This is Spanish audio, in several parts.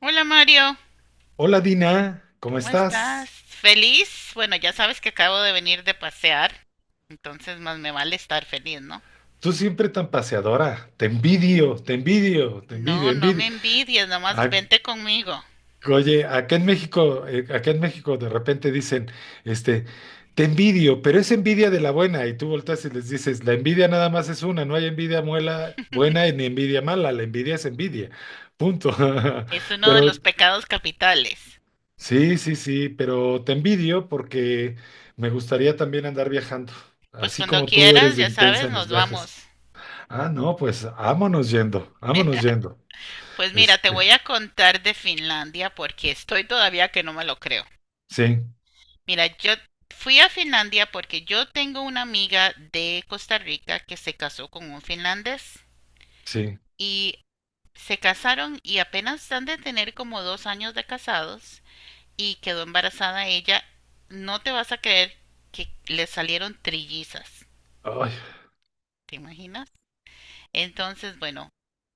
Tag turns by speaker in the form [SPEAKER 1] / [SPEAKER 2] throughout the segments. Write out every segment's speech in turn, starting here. [SPEAKER 1] Hola Mario,
[SPEAKER 2] Hola Dina, ¿cómo
[SPEAKER 1] ¿cómo estás?
[SPEAKER 2] estás?
[SPEAKER 1] ¿Feliz? Bueno, ya sabes que acabo de venir de pasear, entonces más me vale estar feliz, ¿no?
[SPEAKER 2] Tú siempre tan paseadora. Te envidio, te envidio, te envidio,
[SPEAKER 1] No, no
[SPEAKER 2] envidio.
[SPEAKER 1] me envidies, nomás
[SPEAKER 2] Ah,
[SPEAKER 1] vente conmigo.
[SPEAKER 2] oye, acá en México de repente dicen, este, te envidio, pero es envidia de la buena. Y tú volteas y les dices, la envidia nada más es una, no hay envidia buena ni envidia mala, la envidia es envidia. Punto.
[SPEAKER 1] Es uno de
[SPEAKER 2] Pero
[SPEAKER 1] los pecados capitales.
[SPEAKER 2] sí, sí, sí, pero te envidio porque me gustaría también andar viajando,
[SPEAKER 1] Pues
[SPEAKER 2] así
[SPEAKER 1] cuando
[SPEAKER 2] como tú
[SPEAKER 1] quieras,
[SPEAKER 2] eres de
[SPEAKER 1] ya
[SPEAKER 2] intensa
[SPEAKER 1] sabes,
[SPEAKER 2] en
[SPEAKER 1] nos
[SPEAKER 2] los
[SPEAKER 1] vamos.
[SPEAKER 2] viajes. Ah, no, pues vámonos yendo, vámonos yendo.
[SPEAKER 1] Pues mira, te
[SPEAKER 2] Este,
[SPEAKER 1] voy a contar de Finlandia porque estoy todavía que no me lo creo.
[SPEAKER 2] sí,
[SPEAKER 1] Mira, yo fui a Finlandia porque yo tengo una amiga de Costa Rica que se casó con un finlandés
[SPEAKER 2] sí,
[SPEAKER 1] y se casaron y apenas han de tener como dos años de casados y quedó embarazada ella. No te vas a creer que le salieron trillizas.
[SPEAKER 2] ay,
[SPEAKER 1] ¿Te imaginas? Entonces, bueno,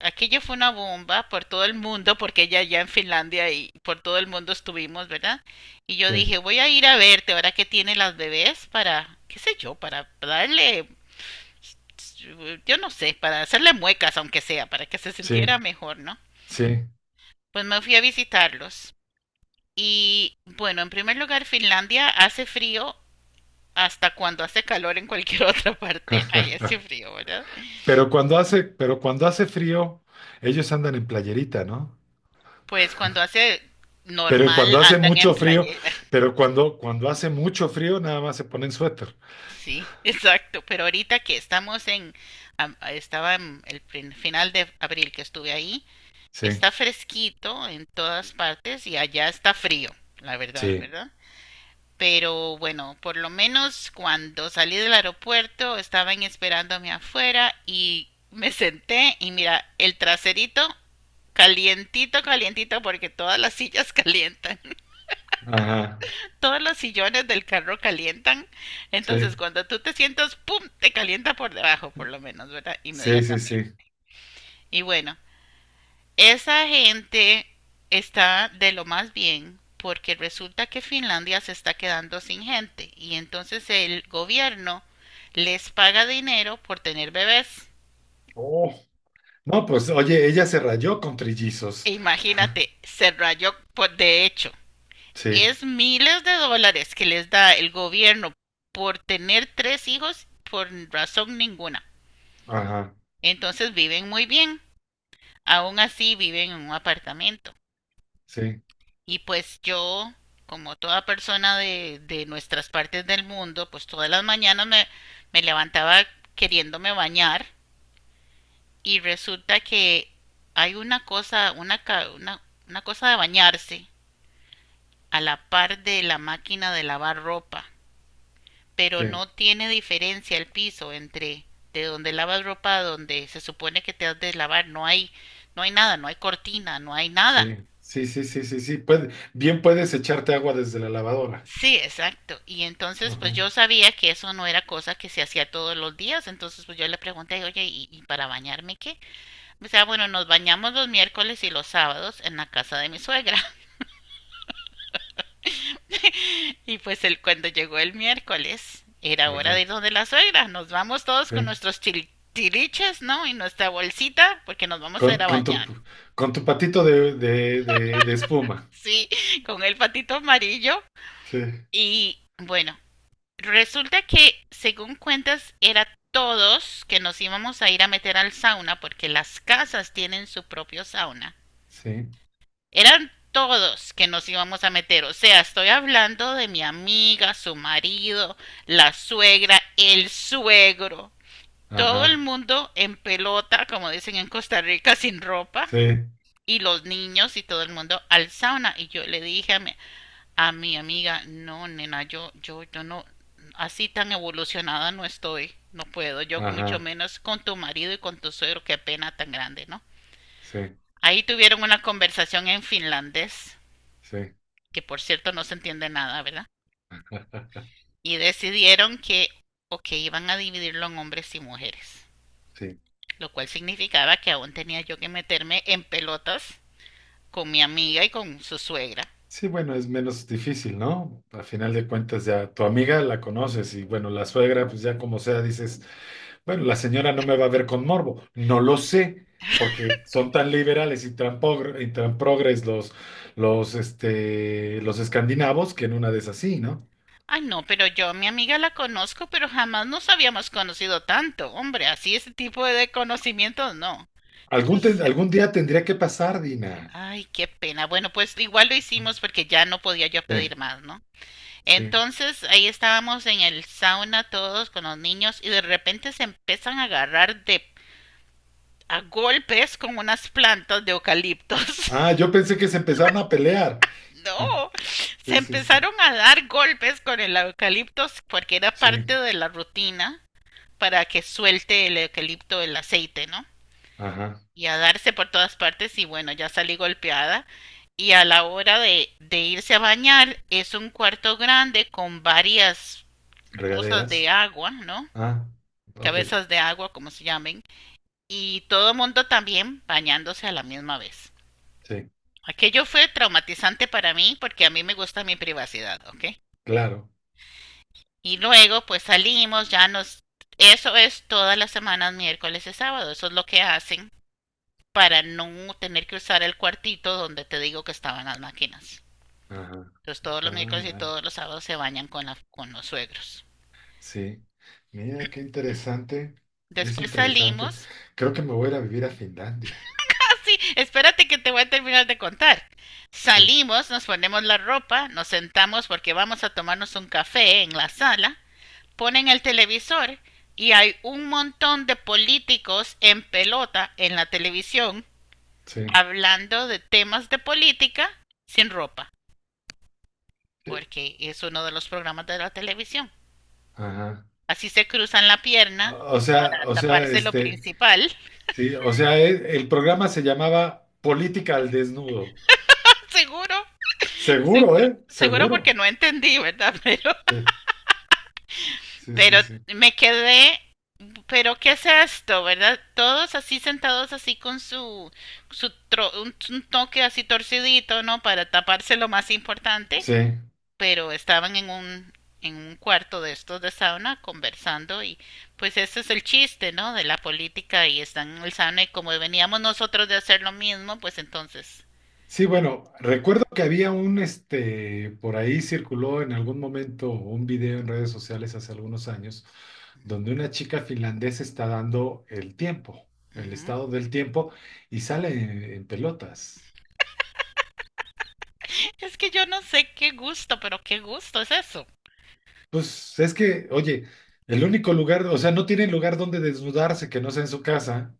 [SPEAKER 1] aquello fue una bomba por todo el mundo, porque ella ya en Finlandia y por todo el mundo estuvimos, ¿verdad? Y yo
[SPEAKER 2] sí,
[SPEAKER 1] dije, voy a ir a verte ahora que tiene las bebés para, qué sé yo, para darle, yo no sé, para hacerle muecas, aunque sea, para que se
[SPEAKER 2] sí,
[SPEAKER 1] sintiera mejor, ¿no?
[SPEAKER 2] sí.
[SPEAKER 1] Pues me fui a visitarlos. Y bueno, en primer lugar, Finlandia hace frío hasta cuando hace calor en cualquier otra parte. Ahí hace frío, ¿verdad?
[SPEAKER 2] Pero cuando hace frío, ellos andan en playerita, ¿no?
[SPEAKER 1] Pues cuando hace
[SPEAKER 2] Pero
[SPEAKER 1] normal
[SPEAKER 2] cuando hace
[SPEAKER 1] andan en
[SPEAKER 2] mucho frío,
[SPEAKER 1] playera.
[SPEAKER 2] cuando hace mucho frío, nada más se ponen suéter.
[SPEAKER 1] Sí, exacto. Pero ahorita que estamos en, estaba en el final de abril que estuve ahí,
[SPEAKER 2] Sí,
[SPEAKER 1] está fresquito en todas partes y allá está frío, la verdad,
[SPEAKER 2] sí,
[SPEAKER 1] ¿verdad? Pero bueno, por lo menos cuando salí del aeropuerto estaban esperándome afuera y me senté y mira, el traserito calientito, calientito, porque todas las sillas calientan,
[SPEAKER 2] ajá,
[SPEAKER 1] todos los sillones del carro calientan, entonces
[SPEAKER 2] sí,
[SPEAKER 1] cuando tú te sientas, ¡pum!, te calienta por debajo, por lo menos, ¿verdad?
[SPEAKER 2] sí, sí, sí.
[SPEAKER 1] Inmediatamente. Y bueno, esa gente está de lo más bien porque resulta que Finlandia se está quedando sin gente y entonces el gobierno les paga dinero por tener bebés.
[SPEAKER 2] Oh, no, pues oye, ella se rayó con
[SPEAKER 1] E
[SPEAKER 2] trillizos.
[SPEAKER 1] imagínate, se rayó por, de hecho.
[SPEAKER 2] Sí,
[SPEAKER 1] Es miles de dólares que les da el gobierno por tener tres hijos por razón ninguna.
[SPEAKER 2] ajá,
[SPEAKER 1] Entonces viven muy bien. Aún así viven en un apartamento.
[SPEAKER 2] sí,
[SPEAKER 1] Y pues yo, como toda persona de nuestras partes del mundo, pues todas las mañanas me levantaba queriéndome bañar y resulta que hay una cosa, una, una cosa de bañarse a la par de la máquina de lavar ropa, pero
[SPEAKER 2] sí.
[SPEAKER 1] no tiene diferencia el piso entre de donde lavas ropa a donde se supone que te has de lavar, no hay, no hay nada, no hay cortina, no hay nada.
[SPEAKER 2] Sí, sí, sí, sí, sí, sí. Bien puedes echarte agua desde la lavadora.
[SPEAKER 1] Sí, exacto. Y entonces,
[SPEAKER 2] Ajá,
[SPEAKER 1] pues yo sabía que eso no era cosa que se hacía todos los días. Entonces, pues yo le pregunté, oye, ¿y para bañarme qué? O sea, bueno, nos bañamos los miércoles y los sábados en la casa de mi suegra. Y pues él, cuando llegó el miércoles, era hora de
[SPEAKER 2] ajá,
[SPEAKER 1] ir donde la suegra. Nos vamos todos con
[SPEAKER 2] sí.
[SPEAKER 1] nuestros tiliches, ¿no? Y nuestra bolsita, porque nos vamos a ir
[SPEAKER 2] Con,
[SPEAKER 1] a
[SPEAKER 2] con tu,
[SPEAKER 1] bañar.
[SPEAKER 2] con tu patito de espuma.
[SPEAKER 1] Sí, con el patito amarillo.
[SPEAKER 2] Sí,
[SPEAKER 1] Y bueno, resulta que, según cuentas, era todos que nos íbamos a ir a meter al sauna porque las casas tienen su propio sauna.
[SPEAKER 2] sí,
[SPEAKER 1] Eran todos que nos íbamos a meter. O sea, estoy hablando de mi amiga, su marido, la suegra, el suegro. Todo el
[SPEAKER 2] ajá,
[SPEAKER 1] mundo en pelota, como dicen en Costa Rica, sin ropa.
[SPEAKER 2] sí,
[SPEAKER 1] Y los niños y todo el mundo al sauna. Y yo le dije a mi amiga, no, nena, yo no, así tan evolucionada no estoy, no puedo, yo mucho
[SPEAKER 2] ajá,
[SPEAKER 1] menos con tu marido y con tu suegro, qué pena tan grande, ¿no?
[SPEAKER 2] sí,
[SPEAKER 1] Ahí tuvieron una conversación en finlandés,
[SPEAKER 2] sí,
[SPEAKER 1] que por cierto no se entiende nada, ¿verdad? Y decidieron que, o que iban a dividirlo en hombres y mujeres,
[SPEAKER 2] sí.
[SPEAKER 1] lo cual significaba que aún tenía yo que meterme en pelotas con mi amiga y con su suegra.
[SPEAKER 2] Sí, bueno, es menos difícil, ¿no? A final de cuentas ya tu amiga la conoces y bueno, la suegra, pues ya como sea, dices, bueno, la señora no me va a ver con morbo. No lo sé, porque son tan liberales y tan, y tan progres los, los escandinavos que en una de esas sí, ¿no?
[SPEAKER 1] Ay, no, pero yo a mi amiga la conozco, pero jamás nos habíamos conocido tanto. Hombre, así ese tipo de conocimientos no. Eso es-
[SPEAKER 2] Algún día tendría que pasar, Dina.
[SPEAKER 1] Ay, qué pena. Bueno, pues igual lo hicimos porque ya no podía yo
[SPEAKER 2] Sí,
[SPEAKER 1] pedir más, ¿no?
[SPEAKER 2] sí.
[SPEAKER 1] Entonces ahí estábamos en el sauna todos con los niños y de repente se empiezan a agarrar de a golpes con unas plantas de eucaliptos.
[SPEAKER 2] Ah, yo pensé que se empezaron a pelear. Ah,
[SPEAKER 1] No, se
[SPEAKER 2] sí, sí, sí.
[SPEAKER 1] empezaron a dar golpes con el eucaliptos porque era
[SPEAKER 2] Sí,
[SPEAKER 1] parte de la rutina para que suelte el eucalipto el aceite, ¿no?
[SPEAKER 2] ajá.
[SPEAKER 1] Y a darse por todas partes y bueno, ya salí golpeada. Y a la hora de irse a bañar es un cuarto grande con varias cosas
[SPEAKER 2] Regaderas.
[SPEAKER 1] de agua, ¿no?
[SPEAKER 2] Ah, ok,
[SPEAKER 1] Cabezas de agua, como se llamen. Y todo mundo también bañándose a la misma vez.
[SPEAKER 2] sí.
[SPEAKER 1] Aquello fue traumatizante para mí porque a mí me gusta mi privacidad, ¿ok?
[SPEAKER 2] Claro.
[SPEAKER 1] Y luego pues salimos, ya nos... Eso es todas las semanas, miércoles y sábado. Eso es lo que hacen para no tener que usar el cuartito donde te digo que estaban las máquinas.
[SPEAKER 2] Ajá.
[SPEAKER 1] Entonces todos
[SPEAKER 2] Ah,
[SPEAKER 1] los miércoles y
[SPEAKER 2] mira.
[SPEAKER 1] todos los sábados se bañan con, la, con los suegros.
[SPEAKER 2] Sí. Mira, qué interesante. Es
[SPEAKER 1] Después
[SPEAKER 2] interesante.
[SPEAKER 1] salimos.
[SPEAKER 2] Creo que me voy a ir a vivir a Finlandia.
[SPEAKER 1] Ah, sí, espérate que te voy a terminar de contar.
[SPEAKER 2] Sí,
[SPEAKER 1] Salimos, nos ponemos la ropa, nos sentamos porque vamos a tomarnos un café en la sala, ponen el televisor y hay un montón de políticos en pelota en la televisión
[SPEAKER 2] sí.
[SPEAKER 1] hablando de temas de política sin ropa. Porque es uno de los programas de la televisión.
[SPEAKER 2] Ajá.
[SPEAKER 1] Así se cruzan la pierna
[SPEAKER 2] O sea,
[SPEAKER 1] para
[SPEAKER 2] o sea,
[SPEAKER 1] taparse lo principal.
[SPEAKER 2] sí, o sea, el programa se llamaba Política al Desnudo.
[SPEAKER 1] Seguro,
[SPEAKER 2] Seguro,
[SPEAKER 1] seguro,
[SPEAKER 2] ¿eh?
[SPEAKER 1] seguro porque
[SPEAKER 2] Seguro.
[SPEAKER 1] no entendí, ¿verdad?
[SPEAKER 2] Sí, sí,
[SPEAKER 1] Pero
[SPEAKER 2] sí, sí.
[SPEAKER 1] me quedé, pero ¿qué es esto, verdad? Todos así sentados así con su, un toque así torcidito, ¿no? Para taparse lo más importante.
[SPEAKER 2] Sí.
[SPEAKER 1] Pero estaban en en un cuarto de estos de sauna conversando y pues ese es el chiste, ¿no? De la política y están en el sauna y como veníamos nosotros de hacer lo mismo, pues entonces...
[SPEAKER 2] Sí, bueno, recuerdo que había este, por ahí circuló en algún momento un video en redes sociales hace algunos años, donde una chica finlandesa está dando el tiempo, el
[SPEAKER 1] Mm,
[SPEAKER 2] estado del tiempo, y sale en pelotas.
[SPEAKER 1] es que yo no sé qué gusto, pero qué gusto es eso.
[SPEAKER 2] Pues es que, oye, el único lugar, o sea, no tiene lugar donde desnudarse que no sea en su casa,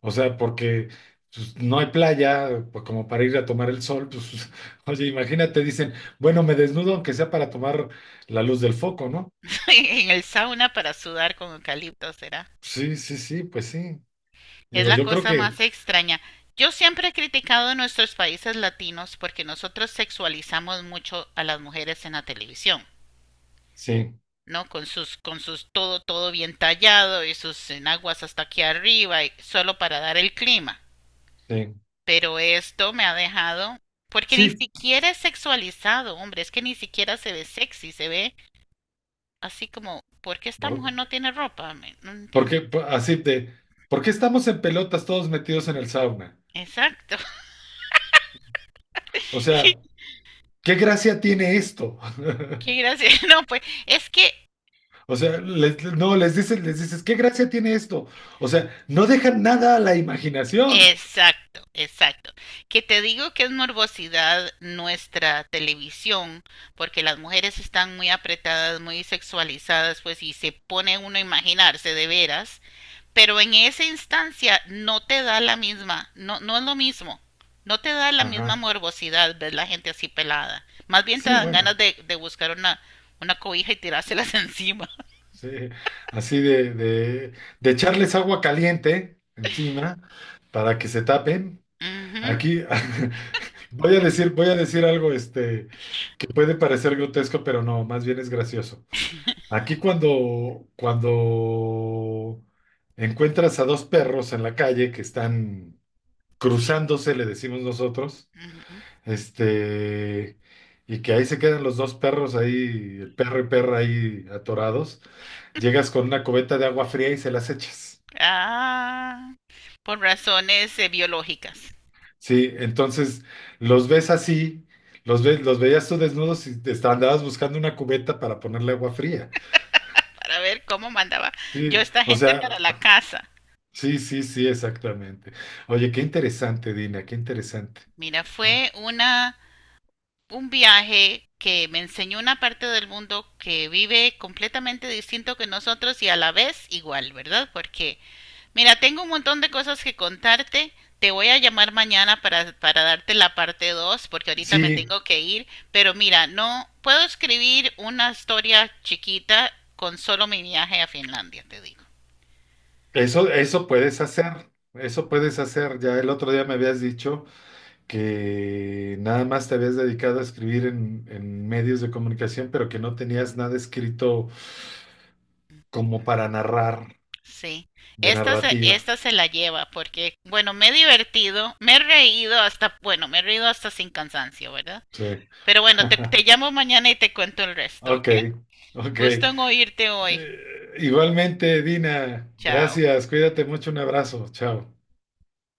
[SPEAKER 2] o sea, porque pues, no hay playa, pues, como para ir a tomar el sol, pues, oye, imagínate, dicen, bueno, me desnudo aunque sea para tomar la luz del foco, ¿no?
[SPEAKER 1] En el sauna para sudar con eucalipto, será.
[SPEAKER 2] Sí, sí, sí, pues sí.
[SPEAKER 1] Es
[SPEAKER 2] Digo,
[SPEAKER 1] la
[SPEAKER 2] yo creo
[SPEAKER 1] cosa
[SPEAKER 2] que
[SPEAKER 1] más extraña. Yo siempre he criticado a nuestros países latinos porque nosotros sexualizamos mucho a las mujeres en la televisión.
[SPEAKER 2] sí,
[SPEAKER 1] ¿No? Con sus todo, todo bien tallado y sus enaguas hasta aquí arriba, y solo para dar el clima.
[SPEAKER 2] sí,
[SPEAKER 1] Pero esto me ha dejado, porque ni
[SPEAKER 2] sí,
[SPEAKER 1] siquiera es sexualizado, hombre, es que ni siquiera se ve sexy, se ve así como, ¿por qué esta mujer no
[SPEAKER 2] por-
[SPEAKER 1] tiene ropa? ¿Me- ¿No
[SPEAKER 2] porque
[SPEAKER 1] entiendes?
[SPEAKER 2] así de, ¿por qué estamos en pelotas todos metidos en el sauna?
[SPEAKER 1] Exacto.
[SPEAKER 2] O sea, ¿qué gracia tiene esto?
[SPEAKER 1] Qué gracia. No, pues es que
[SPEAKER 2] O sea, no, les dices, ¿qué gracia tiene esto? O sea, no dejan nada a la imaginación.
[SPEAKER 1] exacto, exacto. Que te digo que es morbosidad nuestra televisión, porque las mujeres están muy apretadas, muy sexualizadas, pues y se pone uno a imaginarse de veras, pero en esa instancia no te da la misma, no, no es lo mismo, no te da la misma
[SPEAKER 2] Ajá.
[SPEAKER 1] morbosidad ver la gente así pelada. Más bien te
[SPEAKER 2] Sí,
[SPEAKER 1] dan ganas
[SPEAKER 2] bueno,
[SPEAKER 1] de buscar una cobija y tirárselas encima.
[SPEAKER 2] sí, así de echarles agua caliente encima para que se tapen.
[SPEAKER 1] Ujú,
[SPEAKER 2] Aquí voy a decir algo, este. Que puede parecer grotesco, pero no, más bien es gracioso. Aquí cuando encuentras a dos perros en la calle que están
[SPEAKER 1] sí.
[SPEAKER 2] cruzándose, le decimos nosotros,
[SPEAKER 1] Ujú.
[SPEAKER 2] este, y que ahí se quedan los dos perros ahí, el perro y perra ahí atorados, llegas con una cubeta de agua fría y se las echas.
[SPEAKER 1] Ah, por razones biológicas.
[SPEAKER 2] Sí, entonces los ves así, los ves, los veías tú desnudos y te andabas buscando una cubeta para ponerle agua fría.
[SPEAKER 1] Para ver cómo mandaba yo a
[SPEAKER 2] Sí,
[SPEAKER 1] esta
[SPEAKER 2] o
[SPEAKER 1] gente para
[SPEAKER 2] sea,
[SPEAKER 1] la casa.
[SPEAKER 2] sí, sí, sí, exactamente. Oye, qué interesante, Dina, qué interesante.
[SPEAKER 1] Mira, fue una un viaje que me enseñó una parte del mundo que vive completamente distinto que nosotros y a la vez igual, ¿verdad? Porque, mira, tengo un montón de cosas que contarte. Te voy a llamar mañana para darte la parte 2, porque ahorita me
[SPEAKER 2] Sí,
[SPEAKER 1] tengo que ir. Pero mira, no puedo escribir una historia chiquita con solo mi viaje a Finlandia, te digo.
[SPEAKER 2] eso puedes hacer, eso puedes hacer. Ya el otro día me habías dicho que nada más te habías dedicado a escribir en medios de comunicación, pero que no tenías nada escrito como para narrar,
[SPEAKER 1] Sí,
[SPEAKER 2] de narrativa.
[SPEAKER 1] esta se la lleva porque, bueno, me he divertido, me he reído hasta, bueno, me he reído hasta sin cansancio, ¿verdad?
[SPEAKER 2] Sí.
[SPEAKER 1] Pero bueno, te llamo mañana y te cuento el resto,
[SPEAKER 2] Ok,
[SPEAKER 1] ¿ok?
[SPEAKER 2] ok.
[SPEAKER 1] Gusto en oírte hoy.
[SPEAKER 2] Eh, igualmente, Dina,
[SPEAKER 1] Chao.
[SPEAKER 2] gracias, cuídate mucho, un abrazo, chao.